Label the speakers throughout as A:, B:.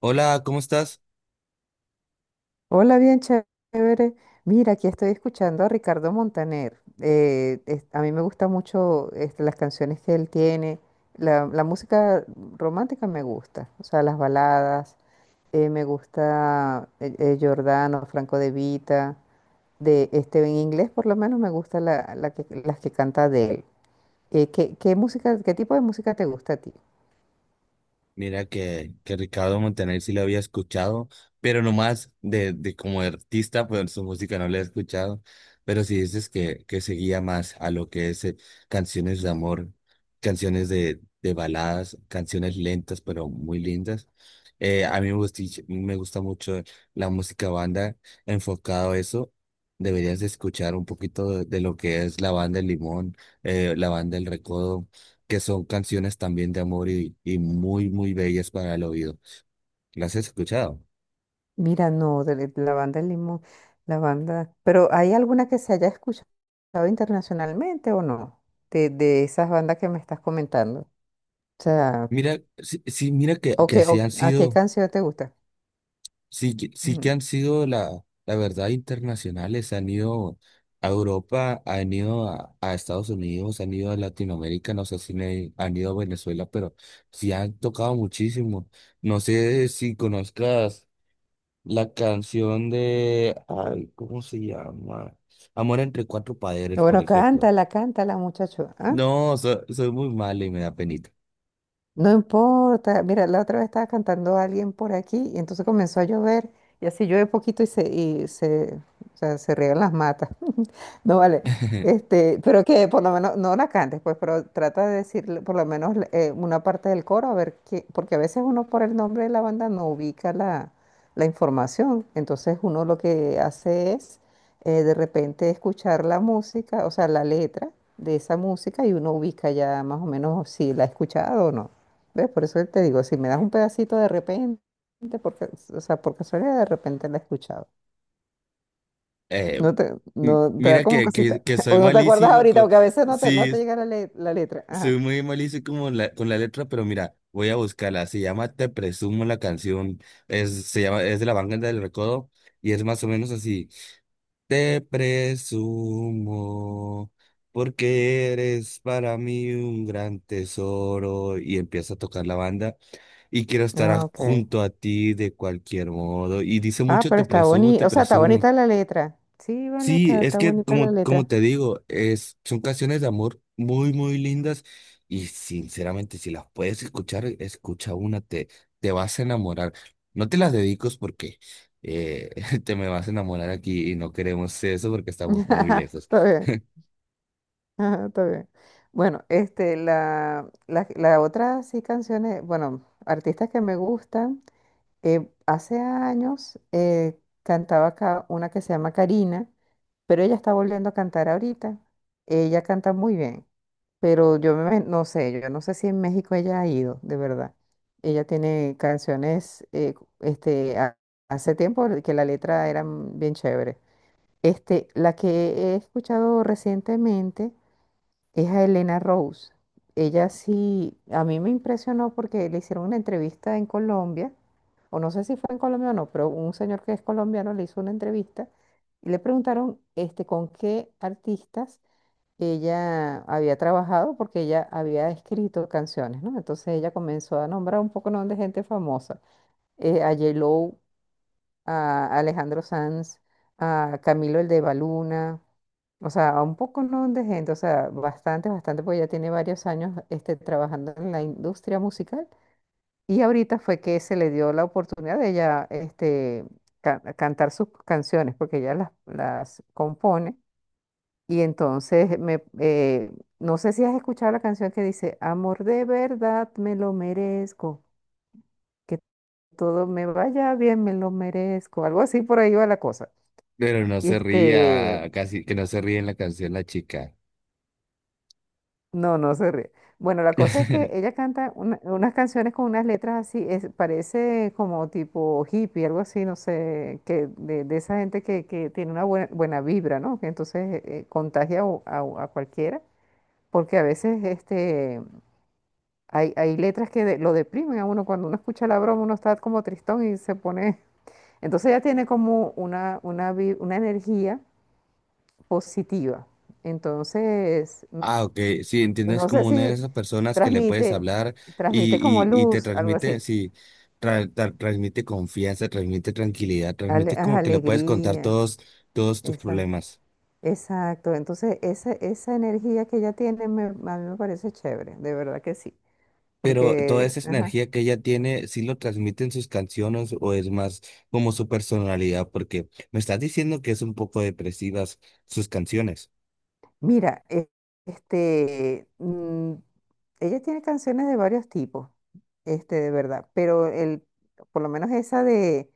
A: Hola, ¿cómo estás?
B: Hola, bien chévere. Mira, aquí estoy escuchando a Ricardo Montaner. A mí me gustan mucho las canciones que él tiene. La música romántica me gusta, o sea, las baladas. Me gusta Giordano, Franco De Vita. En inglés, por lo menos, me gusta las que canta de él. ¿Qué música, qué tipo de música te gusta a ti?
A: Mira que Ricardo Montaner sí lo había escuchado, pero nomás de como artista, pues su música no la he escuchado. Pero si dices que seguía más a lo que es canciones de amor, canciones de baladas, canciones lentas pero muy lindas. A mí me gusta mucho la música banda, enfocado a eso. Deberías de escuchar un poquito de lo que es la banda El Limón, la banda El Recodo, que son canciones también de amor y muy, muy bellas para el oído. ¿Las has escuchado?
B: Mira, no, de la banda del Limón, la banda, pero ¿hay alguna que se haya escuchado internacionalmente o no? De esas bandas que me estás comentando. O sea,
A: Mira, sí, sí, mira que,
B: ¿o
A: que
B: qué-
A: así
B: o-
A: han
B: ¿a qué
A: sido.
B: canción te gusta?
A: Sí, que
B: Mm.
A: han sido, la verdad, internacionales, han ido a Europa, han ido a Estados Unidos, han ido a Latinoamérica, no sé si han ido a Venezuela, pero sí han tocado muchísimo. No sé si conozcas la canción de, ay, ¿cómo se llama? Amor entre cuatro padres, por
B: Bueno,
A: ejemplo.
B: cántala, cántala, muchacho. ¿Ah?
A: No, soy muy malo y me da penita.
B: No importa. Mira, la otra vez estaba cantando a alguien por aquí y entonces comenzó a llover y así llueve poquito y se riegan las matas. No vale. Pero que por lo menos, no la cantes, pues, pero trata de decir por lo menos una parte del coro, a ver qué, porque a veces uno por el nombre de la banda no ubica la información. Entonces uno lo que hace es de repente escuchar la música, o sea, la letra de esa música y uno ubica ya más o menos si la ha escuchado o no. ¿Ves? Por eso te digo, si me das un pedacito de repente, porque, o sea, por casualidad de repente la he escuchado.
A: Eh,
B: No te,
A: m-
B: no te da
A: mira
B: como
A: que, que,
B: cosita.
A: que soy
B: O no te acuerdas
A: malísimo.
B: ahorita, porque a veces no te
A: Sí,
B: llega la letra. Ajá.
A: soy muy malísimo como con la letra, pero mira, voy a buscarla. Se llama Te Presumo la canción. Es de la Banda del Recodo y es más o menos así. Te presumo porque eres para mí un gran tesoro, y empieza a tocar la banda, y quiero estar
B: Ah, ok.
A: junto a ti de cualquier modo. Y dice
B: Ah,
A: mucho,
B: pero
A: te
B: está
A: presumo,
B: bonita.
A: te
B: O sea, está
A: presumo.
B: bonita la letra. Sí, vale,
A: Sí, es
B: está
A: que,
B: bonita la
A: como como
B: letra.
A: te digo, es, son canciones de amor muy, muy lindas, y sinceramente si las puedes escuchar, escucha una, te vas a enamorar. No te las dedicos porque eh, te me vas a enamorar aquí y no queremos eso porque estamos muy lejos.
B: Está bien. Ajá, está bien. Bueno, la otra sí canciones, bueno, artistas que me gustan. Hace años cantaba acá una que se llama Karina, pero ella está volviendo a cantar ahorita. Ella canta muy bien. Pero no sé, yo no sé si en México ella ha ido, de verdad. Ella tiene canciones, hace tiempo que la letra era bien chévere. La que he escuchado recientemente es a Elena Rose. Ella sí, a mí me impresionó porque le hicieron una entrevista en Colombia, o no sé si fue en Colombia o no, pero un señor que es colombiano le hizo una entrevista y le preguntaron, este, con qué artistas ella había trabajado porque ella había escrito canciones, ¿no? Entonces ella comenzó a nombrar un poco, ¿no?, de gente famosa, a J-Lo, a Alejandro Sanz, a Camilo el de Baluna, o sea, a un poco, ¿no?, de gente, o sea, bastante, bastante, porque ella tiene varios años trabajando en la industria musical y ahorita fue que se le dio la oportunidad de ella cantar sus canciones, porque ella las compone y entonces no sé si has escuchado la canción que dice, amor de verdad me lo merezco, que todo me vaya bien me lo merezco, algo así por ahí va la cosa.
A: Pero no
B: Y
A: se ría, casi que no se ríe en la canción la chica.
B: no, no se ríe. Bueno, la cosa es que ella canta unas canciones con unas letras así, es, parece como tipo hippie, algo así, no sé, que de esa gente que tiene una buena vibra, ¿no? Que entonces contagia a cualquiera porque a veces hay letras que lo deprimen a uno. Cuando uno escucha la broma, uno está como tristón y se pone... Entonces ya tiene como una energía positiva. Entonces, n-
A: Ah, ok, sí, entiendo, es
B: no sé
A: como una de
B: si
A: esas personas que le puedes
B: transmite,
A: hablar
B: transmite como
A: y, y te
B: luz, algo
A: transmite,
B: así.
A: sí, transmite confianza, transmite tranquilidad, transmite como que le puedes contar
B: Alegría,
A: todos, todos tus
B: esa,
A: problemas.
B: exacto. Entonces, esa energía que ella tiene a mí me parece chévere, de verdad que sí.
A: Pero toda
B: Porque,
A: esa
B: ajá.
A: energía que ella tiene, ¿sí lo transmite en sus canciones o es más como su personalidad? Porque me estás diciendo que es un poco depresivas sus canciones.
B: Mira, e- este, mm, Ella tiene canciones de varios tipos, de verdad, por lo menos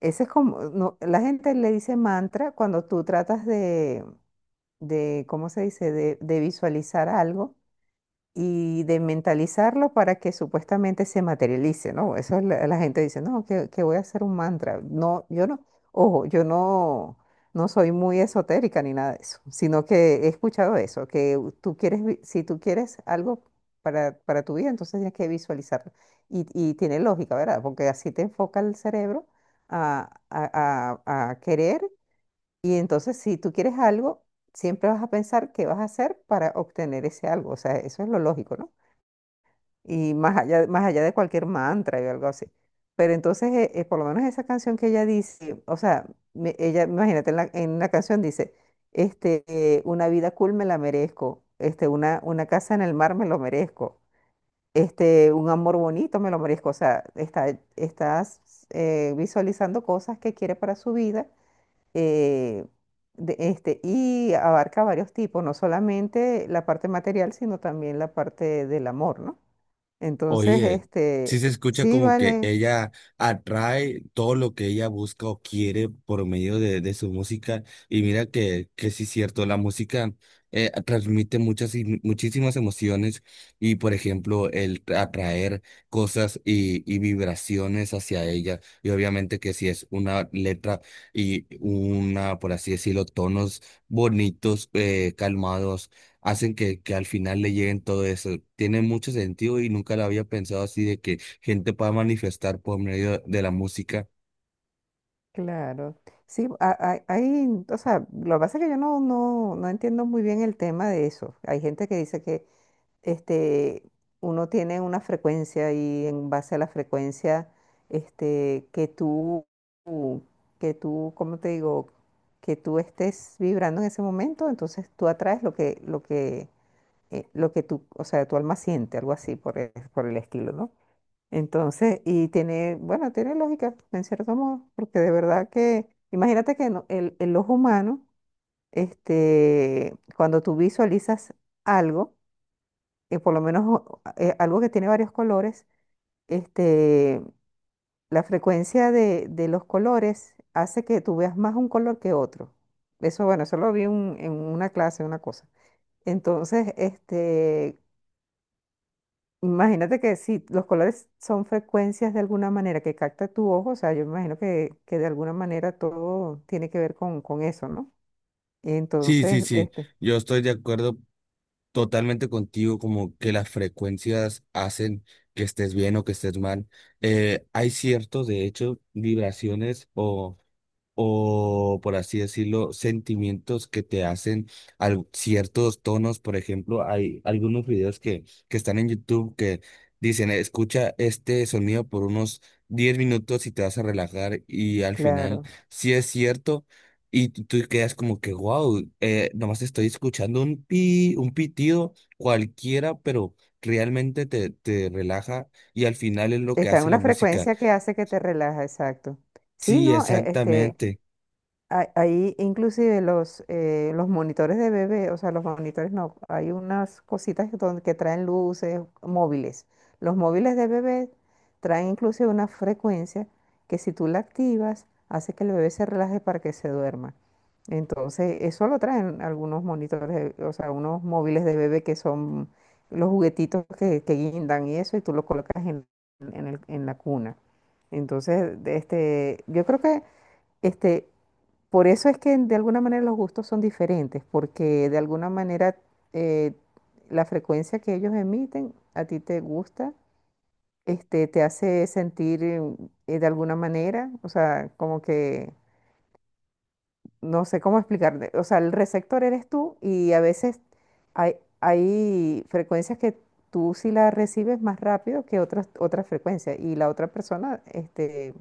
B: esa es como, no, la gente le dice mantra cuando tú tratas ¿cómo se dice?, de visualizar algo y de mentalizarlo para que supuestamente se materialice, ¿no? Eso es la gente dice, no, que voy a hacer un mantra. No, yo no, Ojo, yo no, no soy muy esotérica ni nada de eso, sino que he escuchado eso, que tú quieres, si tú quieres algo para tu vida, entonces tienes que visualizarlo. Y tiene lógica, ¿verdad? Porque así te enfoca el cerebro a querer y entonces si tú quieres algo, siempre vas a pensar qué vas a hacer para obtener ese algo. O sea, eso es lo lógico, ¿no? Y más allá de cualquier mantra y algo así. Pero entonces, por lo menos esa canción que ella dice, o sea, imagínate, en la canción dice, una vida cool me la merezco, este, una casa en el mar me lo merezco, este, un amor bonito me lo merezco, o sea, estás visualizando cosas que quiere para su vida, eh, y abarca varios tipos, no solamente la parte material, sino también la parte del amor, ¿no? Entonces,
A: Oye, sí
B: este,
A: se escucha
B: sí,
A: como que
B: vale,
A: ella atrae todo lo que ella busca o quiere por medio de su música. Y mira que sí es cierto, la música transmite muchísimas emociones y, por ejemplo, el atraer cosas y vibraciones hacia ella. Y obviamente que si es una letra y una, por así decirlo, tonos bonitos, calmados, hacen que al final le lleguen todo eso. Tiene mucho sentido y nunca lo había pensado así, de que gente pueda manifestar por medio de la música.
B: claro. Sí, hay, o sea, lo que pasa es que yo no entiendo muy bien el tema de eso. Hay gente que dice que este, uno tiene una frecuencia y en base a la frecuencia este, que tú, que tú, ¿cómo te digo? Que tú estés vibrando en ese momento, entonces tú atraes lo que tú, o sea, tu alma siente, algo así por por el estilo, ¿no? Entonces, y tiene, bueno, tiene lógica, en cierto modo, porque de verdad que, imagínate que el ojo humano, cuando tú visualizas algo, por lo menos algo que tiene varios colores, este, la frecuencia de los colores hace que tú veas más un color que otro. Eso, bueno, eso lo vi en una clase, una cosa. Entonces, este, imagínate que si los colores son frecuencias de alguna manera que capta tu ojo, o sea, yo me imagino que de alguna manera todo tiene que ver con eso, ¿no?
A: Sí, sí,
B: Entonces,
A: sí,
B: este,
A: yo estoy de acuerdo totalmente contigo, como que las frecuencias hacen que estés bien o que estés mal. Hay ciertos, de hecho, vibraciones o, por así decirlo, sentimientos que te hacen ciertos tonos. Por ejemplo, hay algunos videos que están en YouTube que dicen, escucha este sonido por unos 10 minutos y te vas a relajar, y al final
B: claro,
A: sí es cierto. Y tú quedas como que, wow, nomás estoy escuchando un pi, un pitido cualquiera, pero realmente te te relaja, y al final es lo que
B: está en
A: hace la
B: una
A: música.
B: frecuencia que hace que te relaja, exacto. Sí,
A: Sí,
B: no, E- este,
A: exactamente.
B: Hay- Ahí inclusive los monitores de bebé, o sea, los monitores no, hay unas cositas que, que traen luces móviles. Los móviles de bebé traen inclusive una frecuencia que si tú la activas, hace que el bebé se relaje para que se duerma. Entonces, eso lo traen algunos monitores, o sea, unos móviles de bebé que son los juguetitos que guindan y eso, y tú lo colocas en la cuna. Entonces, yo creo que... Este, por eso es que de alguna manera los gustos son diferentes, porque de alguna manera eh, la frecuencia que ellos emiten a ti te gusta, te hace sentir de alguna manera, o sea, como que no sé cómo explicarte, o sea, el receptor eres tú y a veces hay frecuencias que tú sí las recibes más rápido que otras otras frecuencias y la otra persona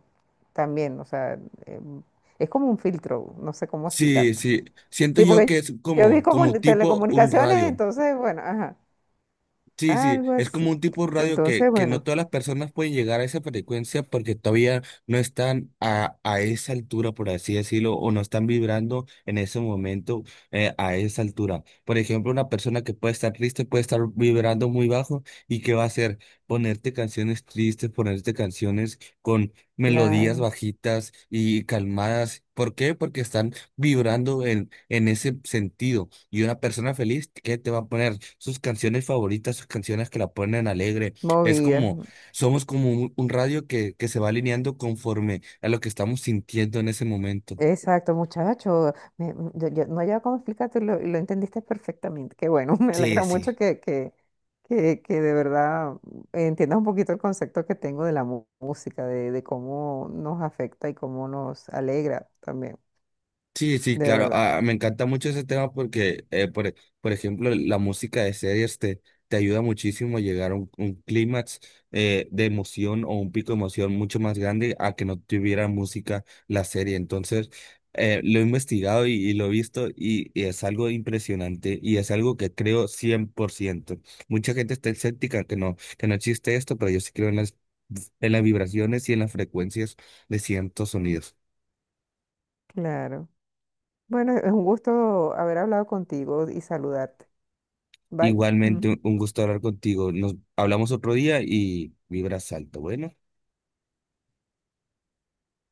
B: también, o sea, em, es como un filtro, no sé cómo
A: Sí,
B: explicarte.
A: sí. Siento
B: Sí,
A: yo
B: porque
A: que es
B: yo vi
A: como,
B: como
A: como
B: en
A: tipo un
B: telecomunicaciones,
A: radio.
B: entonces, bueno, ajá,
A: Sí, sí,
B: algo
A: es
B: así.
A: como un tipo de radio
B: Entonces,
A: que no
B: bueno,
A: todas las personas pueden llegar a esa frecuencia porque todavía no están a esa altura, por así decirlo, o no están vibrando en ese momento a esa altura. Por ejemplo, una persona que puede estar triste puede estar vibrando muy bajo, y ¿qué va a hacer? Ponerte canciones tristes, ponerte canciones con melodías
B: claro,
A: bajitas y calmadas. ¿Por qué? Porque están vibrando en ese sentido. Y una persona feliz que te va a poner sus canciones favoritas, sus canciones que la ponen alegre. Es
B: movida.
A: como, somos como un radio que se va alineando conforme a lo que estamos sintiendo en ese momento.
B: Exacto, muchacho. Yo no había cómo explicártelo y lo entendiste perfectamente. Qué bueno, me
A: Sí,
B: alegra mucho
A: sí.
B: que de verdad, mm, entiendas un poquito el concepto que tengo de la música, de cómo nos afecta y cómo nos alegra también,
A: Sí, sí,
B: de
A: claro.
B: verdad.
A: Ah, me encanta mucho ese tema porque, por ejemplo, la música de series te te ayuda muchísimo a llegar a un clímax de emoción, o un pico de emoción mucho más grande a que no tuviera música la serie. Entonces, lo he investigado y lo he visto, y es algo impresionante y es algo que creo 100%. Mucha gente está escéptica que no existe esto, pero yo sí creo en las en las vibraciones y en las frecuencias de ciertos sonidos.
B: Claro. Bueno, es un gusto haber hablado contigo y saludarte. Bye.
A: Igualmente,
B: Mm.
A: un gusto hablar contigo. Nos hablamos otro día y vibras alto. Bueno.